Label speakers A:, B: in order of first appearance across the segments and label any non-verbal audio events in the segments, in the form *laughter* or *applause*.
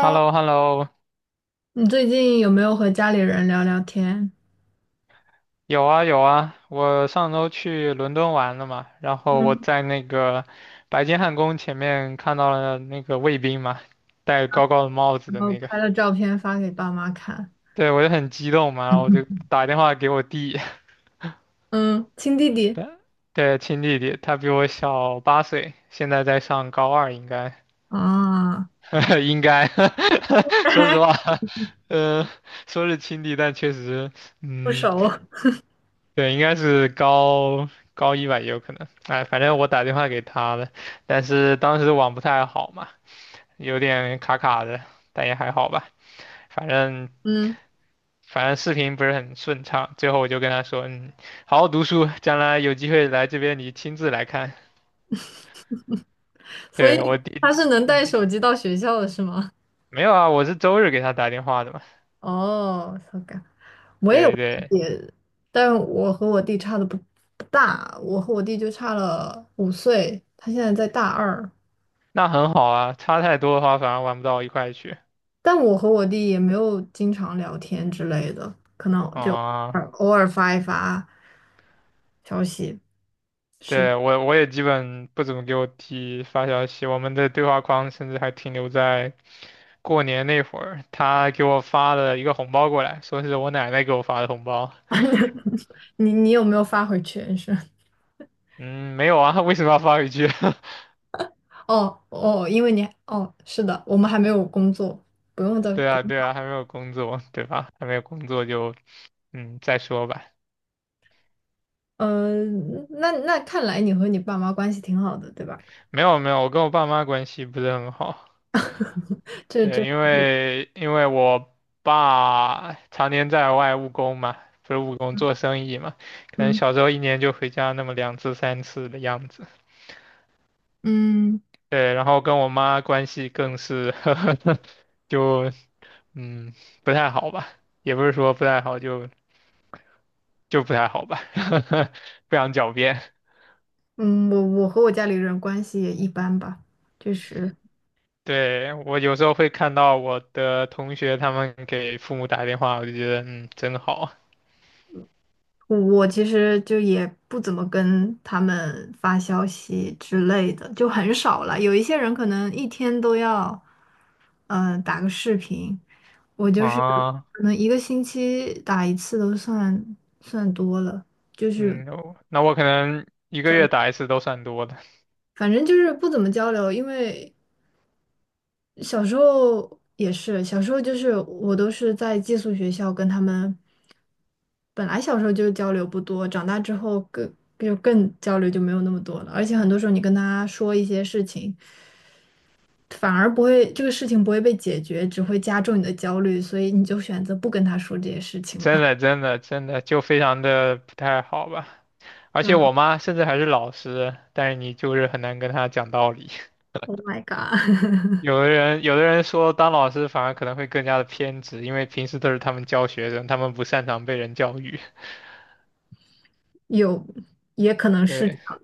A: h e l l o h e l l o
B: 你最近有没有和家里人聊聊天？
A: 有啊有啊，我上周去伦敦玩了嘛，然后我
B: 嗯，
A: 在那个白金汉宫前面看到了那个卫兵嘛，戴高高的帽子
B: 然
A: 的
B: 后
A: 那个，
B: 拍了照片发给爸妈看？
A: 对我就很激动嘛，然后我就
B: *laughs*
A: 打电话给我弟，
B: 嗯，亲弟
A: *laughs*
B: 弟
A: 对，对亲弟弟，他比我小8岁，现在在上高二，应该
B: 啊 *laughs*，
A: *laughs* 应该，*laughs* 说实话，*laughs* 呃，说是亲弟，但确实，
B: 不
A: 嗯，
B: 熟。
A: 对，应该是高一吧，也有可能。哎，反正我打电话给他了，但是当时网不太好嘛，有点卡卡的，但也还好吧。反正
B: 嗯，
A: 反正视频不是很顺畅，最后我就跟他说，好好读书，将来有机会来这边你亲自来看。
B: 所以
A: 对，我弟
B: 他
A: 弟，
B: 是能带
A: 嗯，
B: 手机到学校的是吗？
A: 没有啊，我是周日给他打电话的嘛。
B: 哦，so good，我也有
A: 对
B: 弟
A: 对，
B: 弟，但我和我弟差的不大，我和我弟就差了五岁，他现在在大二。
A: 那很好啊，差太多的话反而玩不到一块去
B: 但我和我弟也没有经常聊天之类的，可能就偶尔
A: 啊。哦
B: 偶尔发一发消息。是，
A: 对，我也基本不怎么给我弟发消息，我们的对话框甚至还停留在过年那会儿，他给我发了一个红包过来，说是我奶奶给我发的红包。
B: *laughs* 你有没有发回去？是。
A: 嗯，没有啊，*laughs* 为什么要发回去？
B: 哦哦，因为你哦，是的，我们还没有工作，不用。
A: *laughs* 对啊，对啊，还没有工作，对吧？还没有工作就再说吧。
B: 嗯、那那看来你和你爸妈关系挺好的，对吧？
A: 没有没有，我跟我爸妈关系不是很好。
B: 这这，
A: 对，因为我爸常年在外务工嘛，不是务工做生意嘛，可能
B: 嗯
A: 小时候一年就回家那么两次三次的样子。
B: 嗯
A: 对，然后跟我妈关系更是 *laughs* 就嗯不太好吧，也不是说不太好，就不太好吧，*laughs* 不想狡辩。
B: 嗯，我和我家里人关系也一般吧，就是。
A: 对，我有时候会看到我的同学他们给父母打电话，我就觉得真好
B: 我其实就也不怎么跟他们发消息之类的，就很少了。有一些人可能一天都要，打个视频。我就是
A: 啊。
B: 可能一个星期打一次都算多了，就是
A: 嗯，我那我可能一个月打一次都算多的，*laughs*
B: 反正就是不怎么交流，因为小时候也是，小时候就是我都是在寄宿学校跟他们。本来小时候就交流不多，长大之后更就更交流就没有那么多了。而且很多时候你跟他说一些事情，反而不会这个事情不会被解决，只会加重你的焦虑，所以你就选择不跟他说这些事情了。
A: 真的
B: *laughs*
A: 真的真的就非常的不太好吧。而且
B: 那
A: 我妈甚至还是老师，但是你就是很难跟她讲道理。*laughs*
B: Oh my God,
A: 有的人说当老师反而可能会更加的偏执，因为平时都是他们教学生，他们不擅长被人教育。
B: *laughs* 有也可能
A: *laughs*
B: 是这
A: 对
B: 样。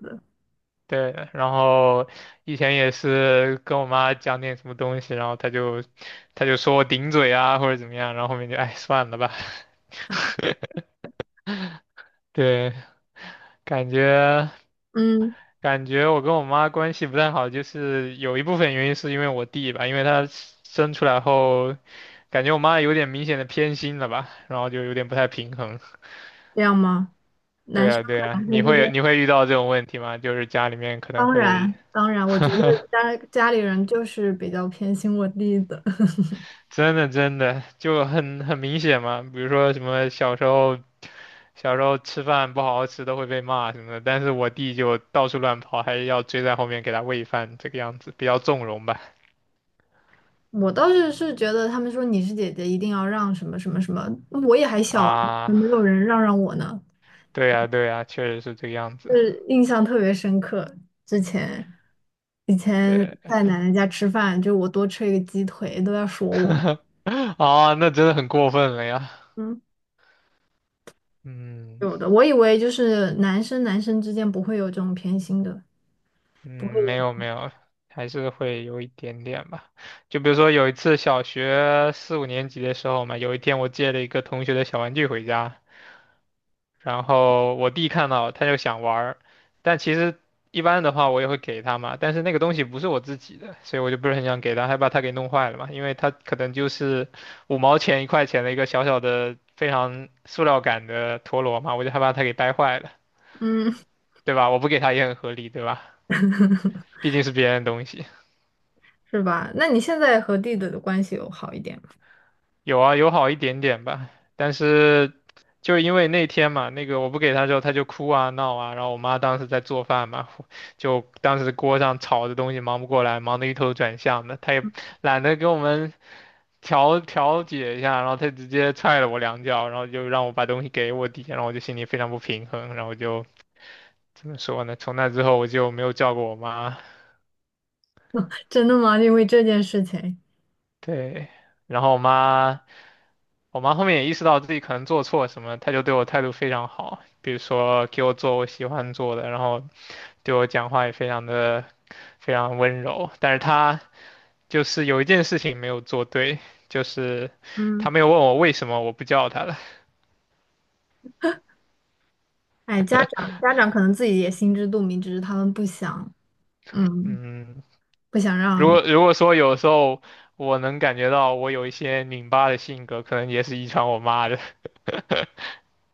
A: 对，然后以前也是跟我妈讲点什么东西，然后她就说我顶嘴啊或者怎么样，然后后面就哎算了吧。*laughs* 对，感觉
B: 嗯，
A: 感觉我跟我妈关系不太好，就是有一部分原因是因为我弟吧，因为他生出来后，感觉我妈有点明显的偏心了吧，然后就有点不太平衡。
B: 这样吗？
A: 对
B: 男
A: 啊，
B: 生
A: 对
B: 和
A: 啊，
B: 男
A: 你
B: 生之间，
A: 会你会遇到这种问题吗？就是家里面可能
B: 当
A: 会
B: 然当然，我觉得家里人就是比较偏心我弟的。
A: 真的真的就很明显嘛，比如说什么小时候吃饭不好好吃都会被骂什么的，但是我弟就到处乱跑，还要追在后面给他喂饭，这个样子比较纵容吧。
B: 我倒是是觉得他们说你是姐姐，一定要让什么什么什么，我也还小啊，怎么
A: 啊。
B: 没有人让我呢，
A: 对呀，对呀，确实是这个样子。
B: 是印象特别深刻。之前以前
A: 对，
B: 在奶奶家吃饭，就我多吃一个鸡腿都要说我。
A: *laughs* 啊，那真的很过分了呀。
B: 嗯，
A: 嗯
B: 有的，我以为就是男生男生之间不会有这种偏心的，
A: 嗯，
B: 不会
A: 没
B: 有。
A: 有没有，还是会有一点点吧。就比如说有一次小学四五年级的时候嘛，有一天我借了一个同学的小玩具回家，然后我弟看到他就想玩儿，但其实一般的话我也会给他嘛，但是那个东西不是我自己的，所以我就不是很想给他，害怕他给弄坏了嘛，因为他可能就是五毛钱一块钱的一个小小的非常塑料感的陀螺嘛，我就害怕他给掰坏了，
B: 嗯，
A: 对吧？我不给他也很合理，对吧？毕竟是别人的东西。
B: 是吧？那你现在和弟弟的关系有好一点吗？
A: 有啊，有好一点点吧，但是就因为那天嘛，那个我不给他之后，他就哭啊闹啊，然后我妈当时在做饭嘛，*laughs* 就当时锅上炒的东西忙不过来，忙得一头转向的，他也懒得给我们调解一下，然后他直接踹了我两脚，然后就让我把东西给我弟，然后我就心里非常不平衡，然后我就怎么说呢？从那之后我就没有叫过我妈，
B: *laughs* 真的吗？因为这件事情。
A: 对，然后我妈。我妈后面也意识到自己可能做错什么，她就对我态度非常好，比如说给我做我喜欢做的，然后对我讲话也非常的非常温柔。但是她就是有一件事情没有做对，就是她
B: 嗯，
A: 没有问我为什么我不叫她了。
B: 哎，家长可能自己也心知肚明，只是他们不想。嗯，
A: 嗯，
B: 不想
A: 如
B: 让。
A: 果如果说有时候我能感觉到我有一些拧巴的性格，可能也是遗传我妈的。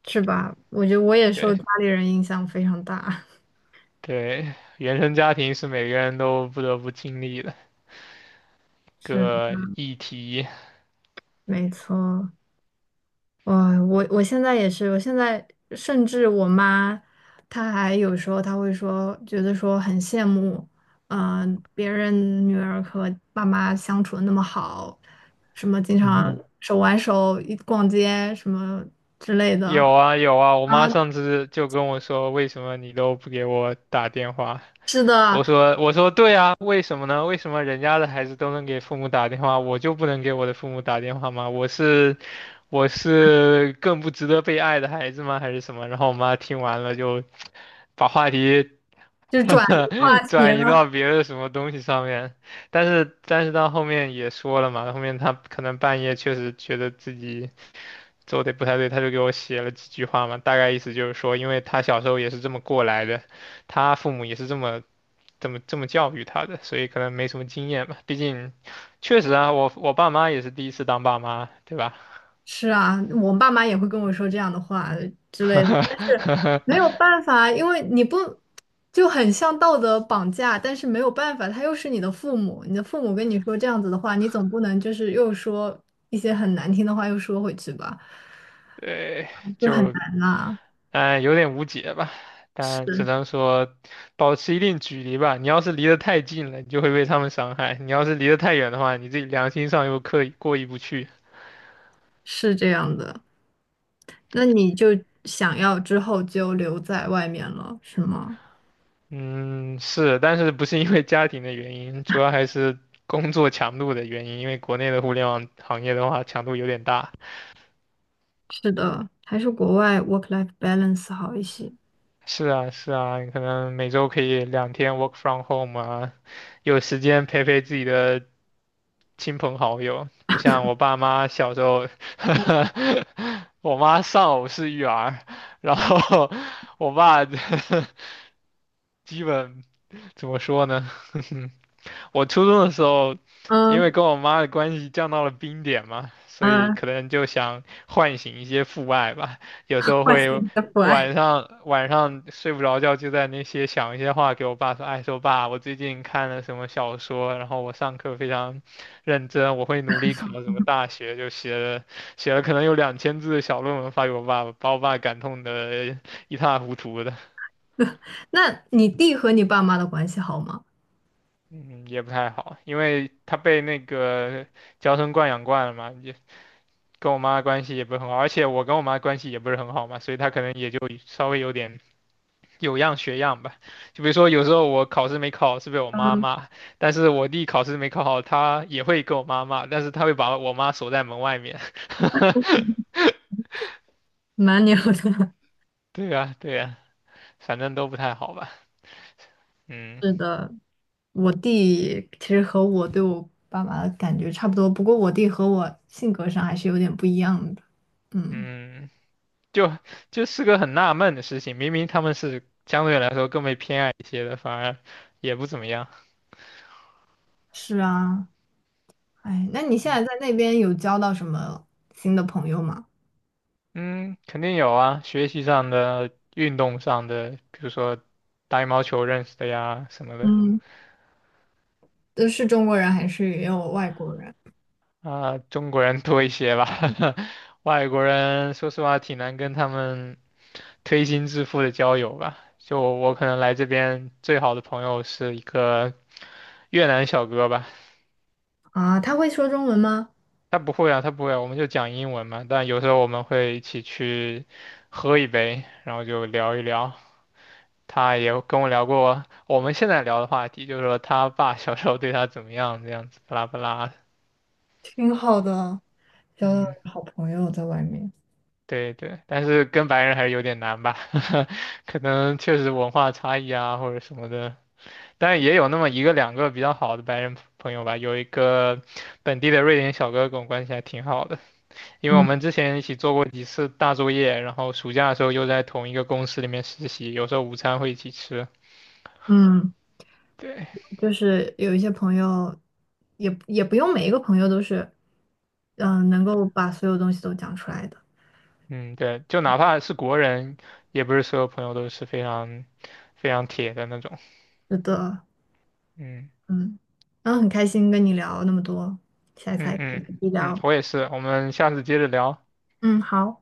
B: 是吧？我觉得我也受
A: 对
B: 家里人影响非常大，
A: 对，原生家庭是每个人都不得不经历的
B: *laughs* 是
A: 个议题。
B: 没错。我我现在也是，我现在甚至我妈，她还有时候她会说，觉得说很羡慕。嗯、别人女儿和爸妈相处的那么好，什么经常
A: *laughs*
B: 手挽手一逛街什么之类的。
A: 有啊有啊，我妈
B: 啊，
A: 上次就跟我说，为什么你都不给我打电话？
B: 是的，
A: 我说对啊，为什么呢？为什么人家的孩子都能给父母打电话，我就不能给我的父母打电话吗？我是更不值得被爱的孩子吗？还是什么？然后我妈听完了就把话题
B: 就转移话
A: *laughs*
B: 题。
A: 转移到别的什么东西上面，但是到后面也说了嘛，后面他可能半夜确实觉得自己做的不太对，他就给我写了几句话嘛，大概意思就是说，因为他小时候也是这么过来的，他父母也是这么教育他的，所以可能没什么经验吧。毕竟，确实啊，我爸妈也是第一次当爸妈，对吧？
B: 是啊，我爸妈也会跟我说这样的话之类的，但是
A: *laughs*
B: 没有办法，因为你不就很像道德绑架，但是没有办法，他又是你的父母，你的父母跟你说这样子的话，你总不能就是又说一些很难听的话又说回去吧，
A: 对，
B: 就很
A: 就
B: 难啦。
A: 哎，有点无解吧，但只
B: 是，
A: 能说保持一定距离吧。你要是离得太近了，你就会被他们伤害；你要是离得太远的话，你自己良心上又刻意过意不去。
B: 是这样的，那你就想要之后就留在外面了，是吗？
A: 嗯，是，但是不是因为家庭的原因，主要还是工作强度的原因。因为国内的互联网行业的话，强度有点大。
B: 是的，还是国外 work-life balance 好一些。
A: 是啊，是啊，你可能每周可以2天 work from home 啊，有时间陪陪自己的亲朋好友，不像我爸妈小时候，*laughs* 我妈丧偶式育儿，然后我爸 *laughs* 基本怎么说呢？*laughs* 我初中的时候，因
B: 嗯
A: 为跟我妈的关系降到了冰点嘛，所以
B: 嗯，
A: 可能就想唤醒一些父爱吧。有时
B: *laughs*
A: 候
B: 唤醒
A: 会
B: 你的不安。
A: 晚上睡不着觉，就在那些想一些话给我爸说，哎，说爸，我最近看了什么小说，然后我上课非常认真，我会努力考什么大学，就写了可能有2000字的小论文发给我爸，把我爸感动的一塌糊涂的，
B: 那你弟和你爸妈的关系好吗？
A: 嗯，也不太好，因为他被那个娇生惯养惯了嘛，也跟我妈关系也不是很好，而且我跟我妈关系也不是很好嘛，所以他可能也就稍微有点有样学样吧。就比如说，有时候我考试没考好是被我妈
B: 嗯，
A: 骂，但是我弟考试没考好，他也会跟我妈骂，但是他会把我妈锁在门外面。*laughs*
B: 蛮聊的。*laughs*
A: 对呀，对呀，反正都不太好吧。嗯
B: 是，我弟其实和我对我爸妈的感觉差不多，不过我弟和我性格上还是有点不一样的。嗯，
A: 嗯，就就是个很纳闷的事情，明明他们是相对来说更被偏爱一些的，反而也不怎么样。
B: 是啊，哎，那你现在在那边有交到什么新的朋友吗？
A: 嗯，肯定有啊，学习上的、运动上的，比如说打羽毛球认识的呀什么的。
B: 嗯，都是中国人还是也有外国人？
A: 啊、中国人多一些吧，*laughs* 外国人说实话挺难跟他们推心置腹的交友吧。就我可能来这边最好的朋友是一个越南小哥吧，
B: 啊，他会说中文吗？
A: 他不会啊，他不会啊我们就讲英文嘛。但有时候我们会一起去喝一杯，然后就聊一聊。他也跟我聊过我们现在聊的话题，就是说他爸小时候对他怎么样，这样子，巴拉巴拉。
B: 挺好的，交到
A: 嗯。
B: 好朋友在外面。
A: 对对，但是跟白人还是有点难吧，*laughs* 可能确实文化差异啊或者什么的，但也有那么一个两个比较好的白人朋友吧，有一个本地的瑞典小哥跟我关系还挺好的，因为我们
B: 嗯
A: 之前一起做过几次大作业，然后暑假的时候又在同一个公司里面实习，有时候午餐会一起吃。
B: 嗯。
A: 对，
B: 就是有一些朋友也也不用每一个朋友都是，嗯、能够把所有东西都讲出来的。
A: 嗯对，就哪怕是国人，也不是所有朋友都是非常非常铁的那种。
B: 是的，
A: 嗯
B: 嗯，然后很开心跟你聊那么多，下一次
A: 嗯
B: 还可以
A: 嗯
B: 继续
A: 嗯，
B: 聊。
A: 我也是，我们下次接着聊。
B: 嗯，好。